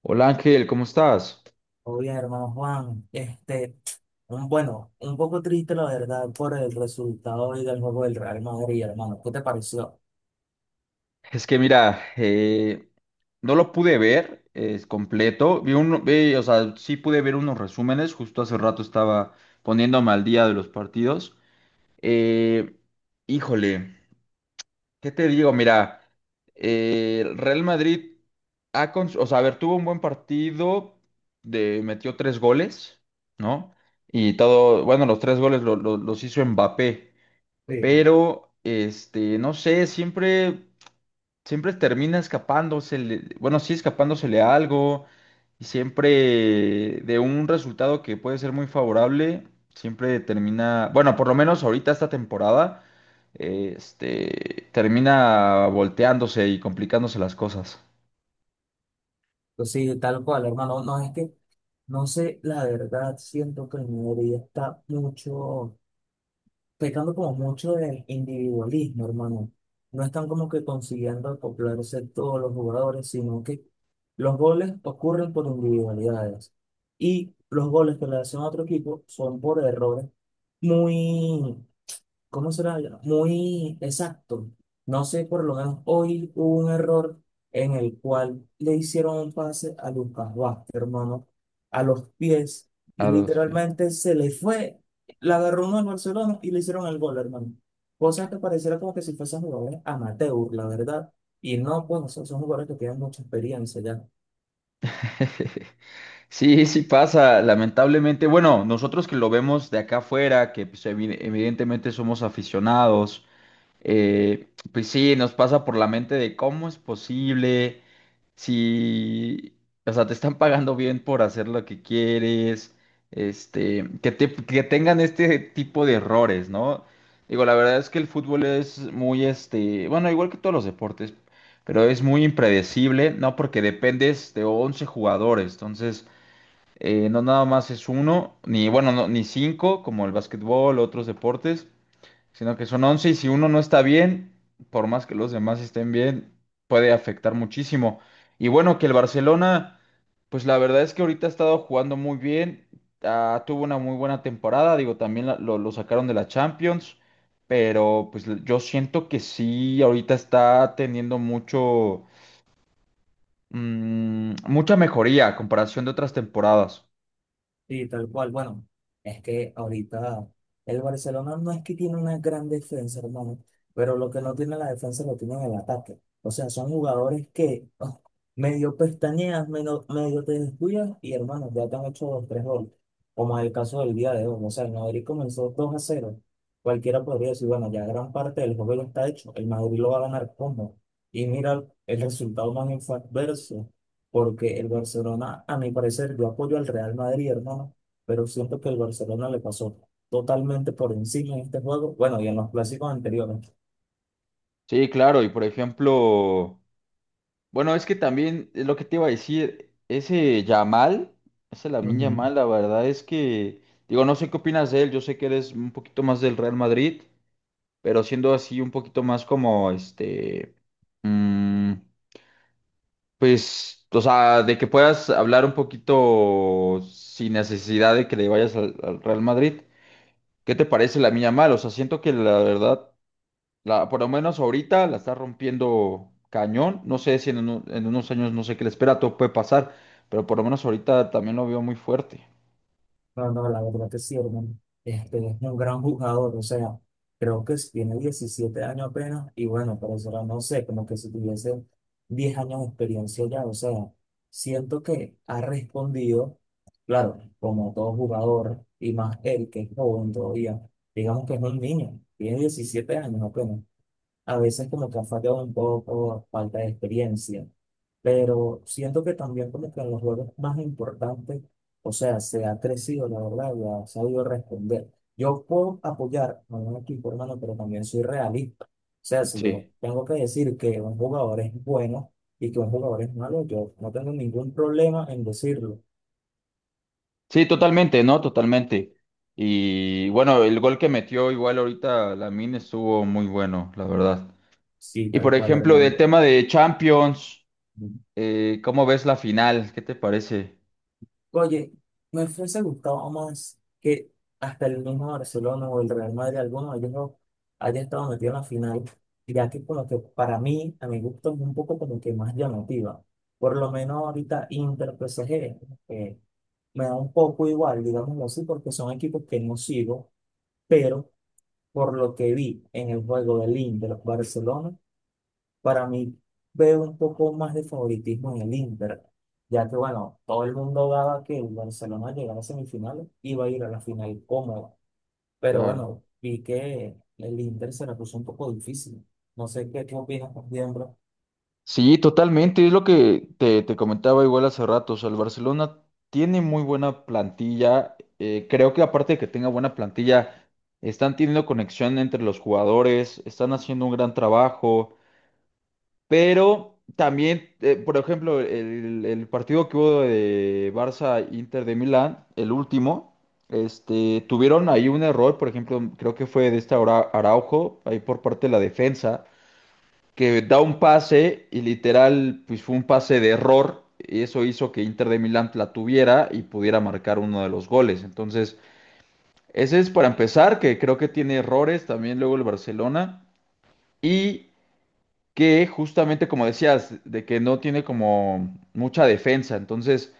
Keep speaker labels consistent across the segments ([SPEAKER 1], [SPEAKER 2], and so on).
[SPEAKER 1] Hola Ángel, ¿cómo estás?
[SPEAKER 2] Oye, hermano Juan, bueno, un poco triste la verdad por el resultado hoy del juego del Real Madrid, hermano. ¿Qué te pareció?
[SPEAKER 1] Es que mira, no lo pude ver es completo. Vi uno, o sea, sí pude ver unos resúmenes. Justo hace rato estaba poniéndome al día de los partidos. Eh, Híjole, ¿qué te digo? Mira, el Real Madrid, o sea, a ver, tuvo un buen partido, metió tres goles, ¿no? Y todo, bueno, los tres goles los hizo Mbappé,
[SPEAKER 2] Sí.
[SPEAKER 1] pero no sé, siempre termina escapándosele, bueno, sí escapándosele a algo, y siempre de un resultado que puede ser muy favorable, siempre termina, bueno, por lo menos ahorita esta temporada, termina volteándose y complicándose las cosas.
[SPEAKER 2] Pues sí, tal cual, hermano. No es que, no sé, la verdad, siento que el Madrid está mucho pecando como mucho de individualismo, hermano. No están como que consiguiendo acoplarse todos los jugadores, sino que los goles ocurren por individualidades. Y los goles que le hacen a otro equipo son por errores muy, ¿cómo será? Muy exacto. No sé, por lo menos hoy hubo un error en el cual le hicieron un pase a Lucas Vázquez, hermano, a los pies, y
[SPEAKER 1] A los Chiefs.
[SPEAKER 2] literalmente se le fue, la agarró uno al Barcelona y le hicieron el gol, hermano. Cosa que pareciera como que si fuesen jugadores amateur, la verdad. Y no, pues, son jugadores que tienen mucha experiencia ya.
[SPEAKER 1] Sí, sí pasa, lamentablemente. Bueno, nosotros que lo vemos de acá afuera, que pues, evidentemente somos aficionados, pues sí, nos pasa por la mente de cómo es posible. Si, o sea, te están pagando bien por hacer lo que quieres, que tengan este tipo de errores, ¿no? Digo, la verdad es que el fútbol es muy, bueno, igual que todos los deportes, pero es muy impredecible, ¿no? Porque dependes de 11 jugadores, entonces, no nada más es uno, ni, bueno, no, ni cinco, como el básquetbol, otros deportes, sino que son 11 y si uno no está bien, por más que los demás estén bien, puede afectar muchísimo. Y bueno, que el Barcelona, pues la verdad es que ahorita ha estado jugando muy bien, tuvo una muy buena temporada, digo, también lo sacaron de la Champions, pero pues yo siento que sí, ahorita está teniendo mucha mejoría a comparación de otras temporadas.
[SPEAKER 2] Sí, tal cual. Bueno, es que ahorita el Barcelona no es que tiene una gran defensa, hermano, pero lo que no tiene la defensa lo tiene en el ataque. O sea, son jugadores que oh, medio pestañeas, medio, medio te descuidas y hermano, ya te han hecho dos, tres goles. Como es el caso del día de hoy. O sea, el Madrid comenzó 2 a cero. Cualquiera podría decir, bueno, ya gran parte del juego ya está hecho. El Madrid lo va a ganar como. Y mira el resultado más inverso, porque el Barcelona, a mi parecer, yo apoyo al Real Madrid, hermano, pero siento que el Barcelona le pasó totalmente por encima en este juego, bueno, y en los clásicos anteriores.
[SPEAKER 1] Sí, claro, y por ejemplo. Bueno, es que también es lo que te iba a decir, ese Lamine
[SPEAKER 2] Ujú.
[SPEAKER 1] Yamal, la verdad es que, digo, no sé qué opinas de él, yo sé que eres un poquito más del Real Madrid, pero siendo así un poquito más como, mm, pues, o sea, de que puedas hablar un poquito sin necesidad de que le vayas al Real Madrid, ¿qué te parece Lamine Yamal? O sea, siento que la verdad, por lo menos ahorita la está rompiendo cañón. No sé si en unos años no sé qué le espera, todo puede pasar, pero por lo menos ahorita también lo veo muy fuerte.
[SPEAKER 2] No, no, la verdad que sí, hermano. Este es un gran jugador, o sea, creo que sí tiene 17 años apenas y bueno, pero eso no sé, como que si tuviese 10 años de experiencia ya, o sea, siento que ha respondido, claro, como todo jugador y más él que es joven todavía, digamos que es un niño, tiene 17 años apenas, a veces como que ha fallado un poco, falta de experiencia, pero siento que también como que en los juegos más importantes, o sea, se ha crecido, la verdad, y ha sabido responder. Yo puedo apoyar a un equipo, hermano, pero también soy realista. O sea, si yo
[SPEAKER 1] Sí.
[SPEAKER 2] tengo que decir que un jugador es bueno y que un jugador es malo, yo no tengo ningún problema en decirlo.
[SPEAKER 1] Sí, totalmente, ¿no? Totalmente. Y bueno, el gol que metió igual ahorita Lamine estuvo muy bueno, la verdad.
[SPEAKER 2] Sí,
[SPEAKER 1] Y
[SPEAKER 2] tal
[SPEAKER 1] por
[SPEAKER 2] cual,
[SPEAKER 1] ejemplo, del
[SPEAKER 2] hermano.
[SPEAKER 1] tema de Champions, ¿cómo ves la final? ¿Qué te parece?
[SPEAKER 2] Oye, me fuese gustado más que hasta el mismo Barcelona o el Real Madrid, alguno de ellos no haya estado metido en la final, ya que como que para mí, a mi gusto, es un poco como que más llamativa. Por lo menos ahorita Inter PSG, eh, me da un poco igual, digámoslo así, porque son equipos que no sigo, pero por lo que vi en el juego del Inter Barcelona, para mí veo un poco más de favoritismo en el Inter, ya que bueno, todo el mundo daba que el Barcelona llegara a semifinales y iba a ir a la final cómoda. Pero
[SPEAKER 1] Claro.
[SPEAKER 2] bueno, vi que el Inter se la puso un poco difícil. No sé qué opinas, por ejemplo.
[SPEAKER 1] Sí, totalmente. Es lo que te comentaba igual hace rato. O sea, el Barcelona tiene muy buena plantilla. Creo que aparte de que tenga buena plantilla, están teniendo conexión entre los jugadores, están haciendo un gran trabajo. Pero también, por ejemplo, el partido que hubo de Barça-Inter de Milán, el último, tuvieron ahí un error. Por ejemplo, creo que fue de esta Araujo, ahí por parte de la defensa que da un pase y literal, pues fue un pase de error. Y eso hizo que Inter de Milán la tuviera y pudiera marcar uno de los goles. Entonces, ese es para empezar, que creo que tiene errores también luego el Barcelona. Y que justamente, como decías, de que no tiene como mucha defensa. Entonces,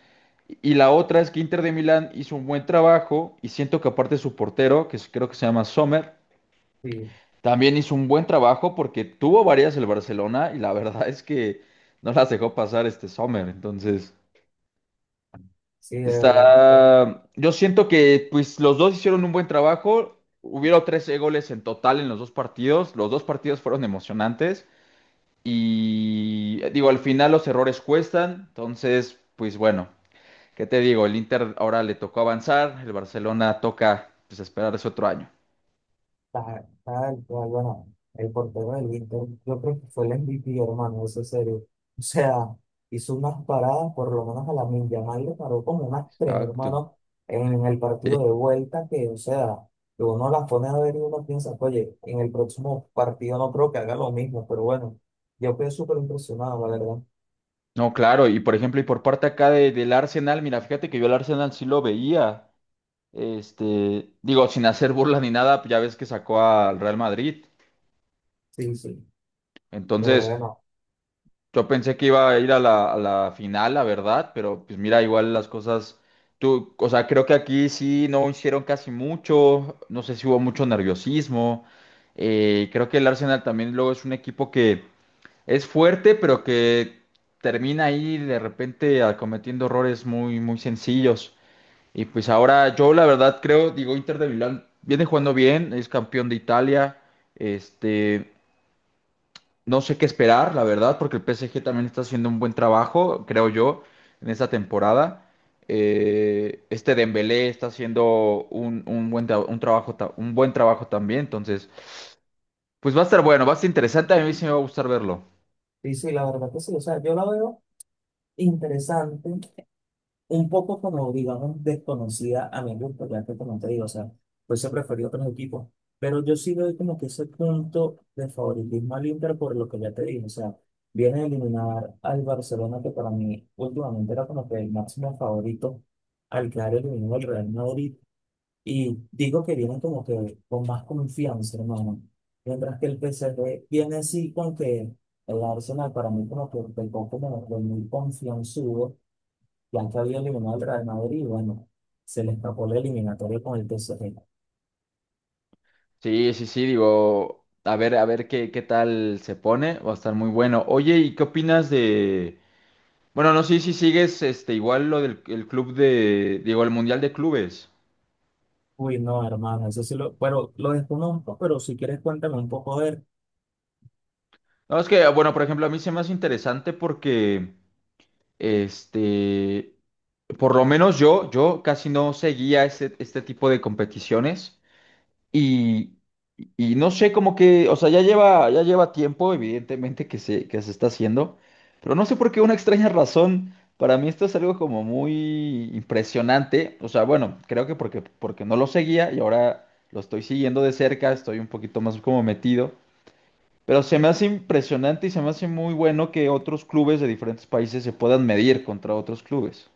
[SPEAKER 1] y la otra es que Inter de Milán hizo un buen trabajo y siento que aparte su portero, que creo que se llama Sommer,
[SPEAKER 2] Sí,
[SPEAKER 1] también hizo un buen trabajo porque tuvo varias el Barcelona y la verdad es que no las dejó pasar este Sommer. Entonces,
[SPEAKER 2] sí, de verdad.
[SPEAKER 1] está. Yo siento que pues los dos hicieron un buen trabajo. Hubieron 13 goles en total en los dos partidos. Los dos partidos fueron emocionantes. Y digo, al final los errores cuestan. Entonces, pues bueno, ¿qué te digo? El Inter ahora le tocó avanzar. El Barcelona toca pues esperar ese otro año.
[SPEAKER 2] Tal cual, bueno, el portero del Inter, yo creo que fue el MVP, hermano, eso es serio. O sea, hizo unas paradas, por lo menos a la Yamal le paró como unas tres,
[SPEAKER 1] Exacto.
[SPEAKER 2] hermano, en el partido de vuelta, que, o sea, que uno las pone a ver y uno piensa, oye, en el próximo partido no creo que haga lo mismo, pero bueno, yo quedé súper impresionado, la verdad.
[SPEAKER 1] No, claro, y por ejemplo, y por parte acá del Arsenal, mira, fíjate que yo el Arsenal sí lo veía, digo, sin hacer burla ni nada, ya ves que sacó al Real Madrid,
[SPEAKER 2] Sí, sí, pero
[SPEAKER 1] entonces
[SPEAKER 2] bueno,
[SPEAKER 1] yo pensé que iba a ir a la final, la verdad, pero pues mira, igual las cosas, tú, o sea, creo que aquí sí no hicieron casi mucho, no sé si hubo mucho nerviosismo, creo que el Arsenal también luego es un equipo que es fuerte, pero que termina ahí de repente, cometiendo errores muy, muy sencillos. Y pues ahora yo la verdad creo, digo, Inter de Milán viene jugando bien, es campeón de Italia. Este, no sé qué esperar, la verdad, porque el PSG también está haciendo un buen trabajo, creo yo, en esta temporada. Este Dembélé está haciendo un buen, tra- un trabajo, ta- un buen trabajo también, entonces, pues va a estar bueno, va a estar interesante, a mí sí me va a gustar verlo.
[SPEAKER 2] sí, sí, la verdad que sí, o sea, yo la veo interesante, un poco como, digamos, desconocida a mi gusto, ya que como te digo, o sea, fuese preferido otros equipos, pero yo sí doy como que ese punto de favoritismo al Inter por lo que ya te dije, o sea, viene a eliminar al Barcelona, que para mí últimamente era como que el máximo favorito al quedar eliminado el Real Madrid, y digo que vienen como que con más confianza, hermano, mientras que el P PSG viene así con que el Arsenal para mí como que pecó como de muy confianzudo, Blanca había eliminado al Real Madrid y bueno, se le escapó la eliminatoria con el PSG.
[SPEAKER 1] Sí, sí, sí, digo, a ver qué tal se pone, va a estar muy bueno. Oye, Bueno, no sé si sigues igual lo del el club digo, el Mundial de Clubes.
[SPEAKER 2] Uy, no, hermano, eso sí lo, pero lo desconozco, pero si quieres cuéntame un poco a ver.
[SPEAKER 1] No, es que, bueno, por ejemplo, a mí se me hace interesante porque, este, por lo menos yo casi no seguía este tipo de competiciones. Y no sé, como que, o sea, ya lleva tiempo, evidentemente, que se está haciendo, pero no sé por qué una extraña razón, para mí esto es algo como muy impresionante, o sea, bueno, creo que porque no lo seguía y ahora lo estoy siguiendo de cerca, estoy un poquito más como metido, pero se me hace impresionante y se me hace muy bueno que otros clubes de diferentes países se puedan medir contra otros clubes.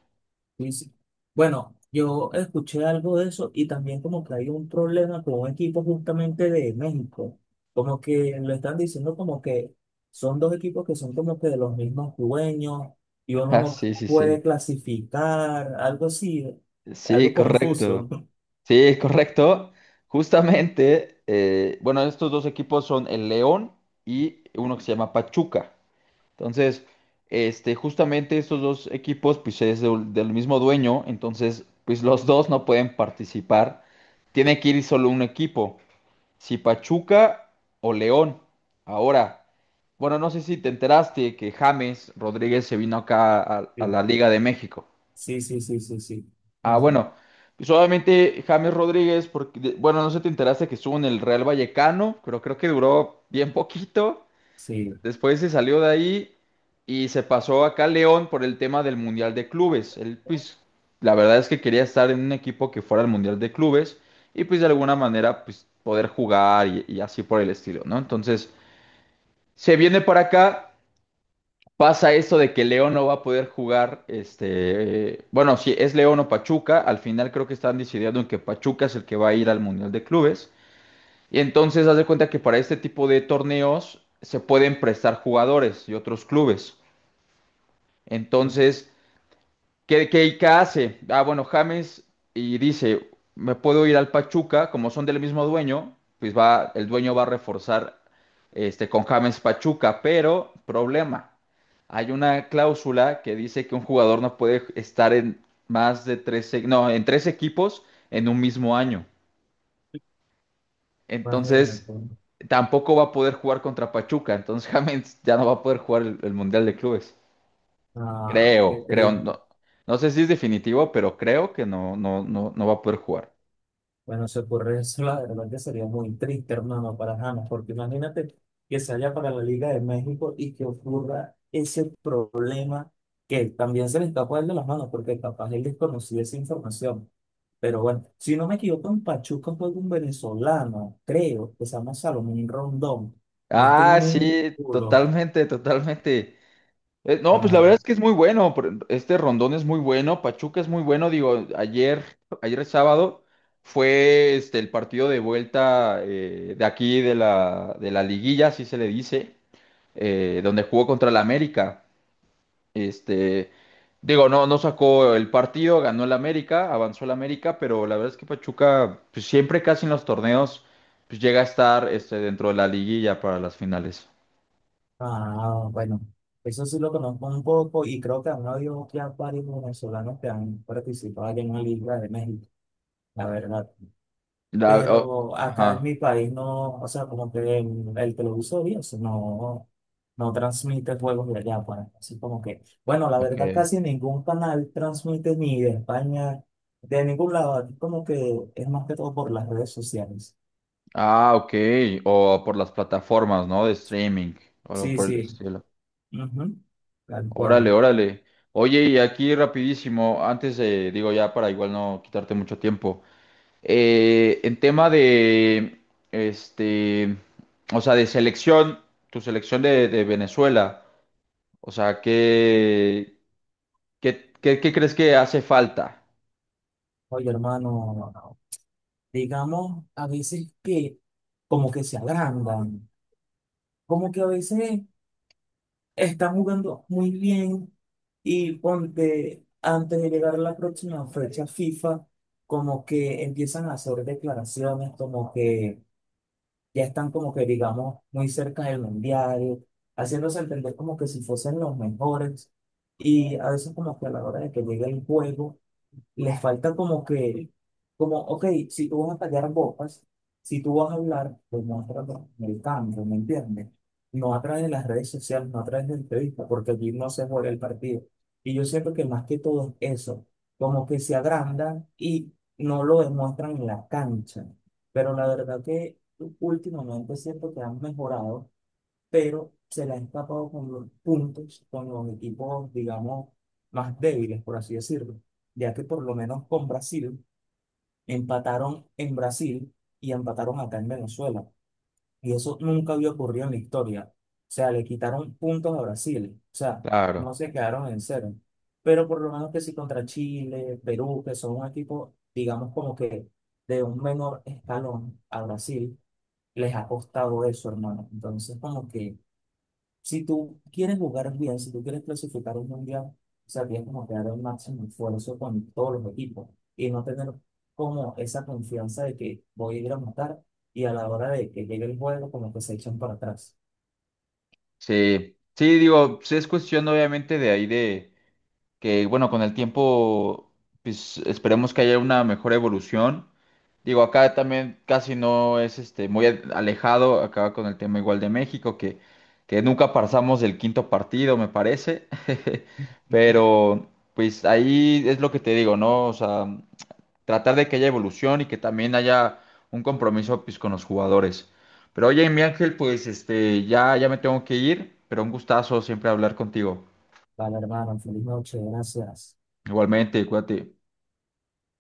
[SPEAKER 2] Y si- Bueno, yo escuché algo de eso y también como que hay un problema con un equipo justamente de México. Como que lo están diciendo como que son dos equipos que son como que de los mismos dueños y uno
[SPEAKER 1] Ah,
[SPEAKER 2] no
[SPEAKER 1] sí, sí, sí.
[SPEAKER 2] puede clasificar, algo así,
[SPEAKER 1] Sí,
[SPEAKER 2] algo
[SPEAKER 1] correcto.
[SPEAKER 2] confuso.
[SPEAKER 1] Sí, es correcto. Justamente, bueno, estos dos equipos son el León y uno que se llama Pachuca. Entonces, justamente estos dos equipos, pues es del mismo dueño, entonces, pues los dos no pueden participar. Tiene que ir solo un equipo, si Pachuca o León. Ahora, bueno, no sé si te enteraste que James Rodríguez se vino acá a la Liga de México.
[SPEAKER 2] Sí, sí, sí, sí, sí,
[SPEAKER 1] Ah,
[SPEAKER 2] sí.
[SPEAKER 1] bueno, solamente James Rodríguez, porque, bueno, no sé si te enteraste que estuvo en el Real Vallecano, pero creo que duró bien poquito.
[SPEAKER 2] Sí,
[SPEAKER 1] Después se salió de ahí y se pasó acá a León por el tema del Mundial de Clubes. Él, pues, la verdad es que quería estar en un equipo que fuera el Mundial de Clubes y, pues, de alguna manera, pues, poder jugar y así por el estilo, ¿no? Entonces, se viene para acá. Pasa eso de que León no va a poder jugar, bueno, si es León o Pachuca, al final creo que están decidiendo en que Pachuca es el que va a ir al Mundial de Clubes. Y entonces haz de cuenta que para este tipo de torneos se pueden prestar jugadores y otros clubes.
[SPEAKER 2] pues,
[SPEAKER 1] Entonces, ¿Qué hace? Ah, bueno, James y dice, me puedo ir al Pachuca, como son del mismo dueño, pues va, el dueño va a reforzar, con James Pachuca, pero problema, hay una cláusula que dice que un jugador no puede estar en más de tres, no, en tres equipos en un mismo año. Entonces,
[SPEAKER 2] imagínate.
[SPEAKER 1] tampoco va a poder jugar contra Pachuca, entonces James ya no va a poder jugar el Mundial de Clubes.
[SPEAKER 2] Ah, qué
[SPEAKER 1] Creo,
[SPEAKER 2] triste.
[SPEAKER 1] no, no sé si es definitivo, pero creo que no, no, no, no va a poder jugar.
[SPEAKER 2] Bueno, se ocurre eso, la verdad que sería muy triste, hermano, para James, porque imagínate que se haya para la Liga de México y que ocurra ese problema que también se le está poniendo las manos, porque capaz él desconocía esa información. Pero bueno, si no me equivoco, en Pachuca fue un venezolano, creo, que se llama Salomón Rondón. No estoy
[SPEAKER 1] Ah,
[SPEAKER 2] muy
[SPEAKER 1] sí,
[SPEAKER 2] seguro.
[SPEAKER 1] totalmente, totalmente. No, pues la
[SPEAKER 2] Ah.
[SPEAKER 1] verdad es que es muy bueno. Este Rondón es muy bueno, Pachuca es muy bueno. Digo, ayer, ayer es sábado, fue el partido de vuelta, de aquí de la liguilla, así se le dice, donde jugó contra el América. Este, Digo, no, no sacó el partido, ganó el América, avanzó el América, pero la verdad es que Pachuca, pues, siempre casi en los torneos, pues llega a estar, dentro de la liguilla para las finales.
[SPEAKER 2] Ah, bueno, eso sí lo conozco un poco y creo que han habido ya varios venezolanos que han participado allá en la Liga de México, la verdad.
[SPEAKER 1] La- o-
[SPEAKER 2] Pero acá en
[SPEAKER 1] ajá,
[SPEAKER 2] mi país no, o sea, como que el televisor y eso no, no transmite juegos de allá, pues. Así como que, bueno, la verdad
[SPEAKER 1] ok.
[SPEAKER 2] casi ningún canal transmite ni de España, de ningún lado, aquí como que es más que todo por las redes sociales.
[SPEAKER 1] Ah, ok. O por las plataformas, ¿no? De streaming, o algo
[SPEAKER 2] Sí,
[SPEAKER 1] por el
[SPEAKER 2] sí,
[SPEAKER 1] estilo.
[SPEAKER 2] ujú, tal cual.
[SPEAKER 1] Órale, órale. Oye, y aquí rapidísimo, antes de, digo, ya para igual no quitarte mucho tiempo. En tema este, o sea, de selección, tu selección de Venezuela, o sea, ¿qué, qué crees que hace falta?
[SPEAKER 2] Oye, hermano, digamos, a veces que como que se agrandan, como que a veces están jugando muy bien y ponte, antes de llegar a la próxima fecha FIFA, como que empiezan a hacer declaraciones, como que ya están como que, digamos, muy cerca del mundial, haciéndose entender como que si fuesen los mejores y a veces como que a la hora de que llegue el juego les falta como que, como, ok, si tú vas a callar bocas, si tú vas a hablar, pues muéstralo en el campo, ¿me entiendes? No a través de las redes sociales, no a través de entrevistas, porque allí no se juega el partido. Y yo siento que más que todo es eso, como que se agrandan y no lo demuestran en la cancha. Pero la verdad que últimamente siento que han mejorado, pero se le ha escapado con los puntos, con los equipos, digamos, más débiles, por así decirlo, ya que por lo menos con Brasil empataron en Brasil y empataron acá en Venezuela, y eso nunca había ocurrido en la historia. O sea, le quitaron puntos a Brasil, o sea,
[SPEAKER 1] Claro.
[SPEAKER 2] no se quedaron en cero. Pero por lo menos que si contra Chile, Perú, que son un equipo, digamos, como que de un menor escalón a Brasil, les ha costado eso, hermano. Entonces, como que si tú quieres jugar un mundial, si tú quieres clasificar un mundial, o sea, tienes como que dar el máximo esfuerzo con todos los equipos y no tener como esa confianza de que voy a ir a matar y a la hora de que llegue el juego, como que se echan para atrás.
[SPEAKER 1] Sí, sí, digo, sí es cuestión obviamente de ahí de, que bueno, con el tiempo, pues esperemos que haya una mejor evolución. Digo, acá también casi no es muy alejado, acá con el tema igual de México, que nunca pasamos del quinto partido, me parece.
[SPEAKER 2] Ujú.
[SPEAKER 1] Pero pues ahí es lo que te digo, ¿no? O sea, tratar de que haya evolución y que también haya un compromiso pues con los jugadores. Pero oye, mi Ángel, pues ya me tengo que ir, pero un gustazo siempre hablar contigo.
[SPEAKER 2] Vale, hermano, feliz noche, gracias.
[SPEAKER 1] Igualmente, cuídate.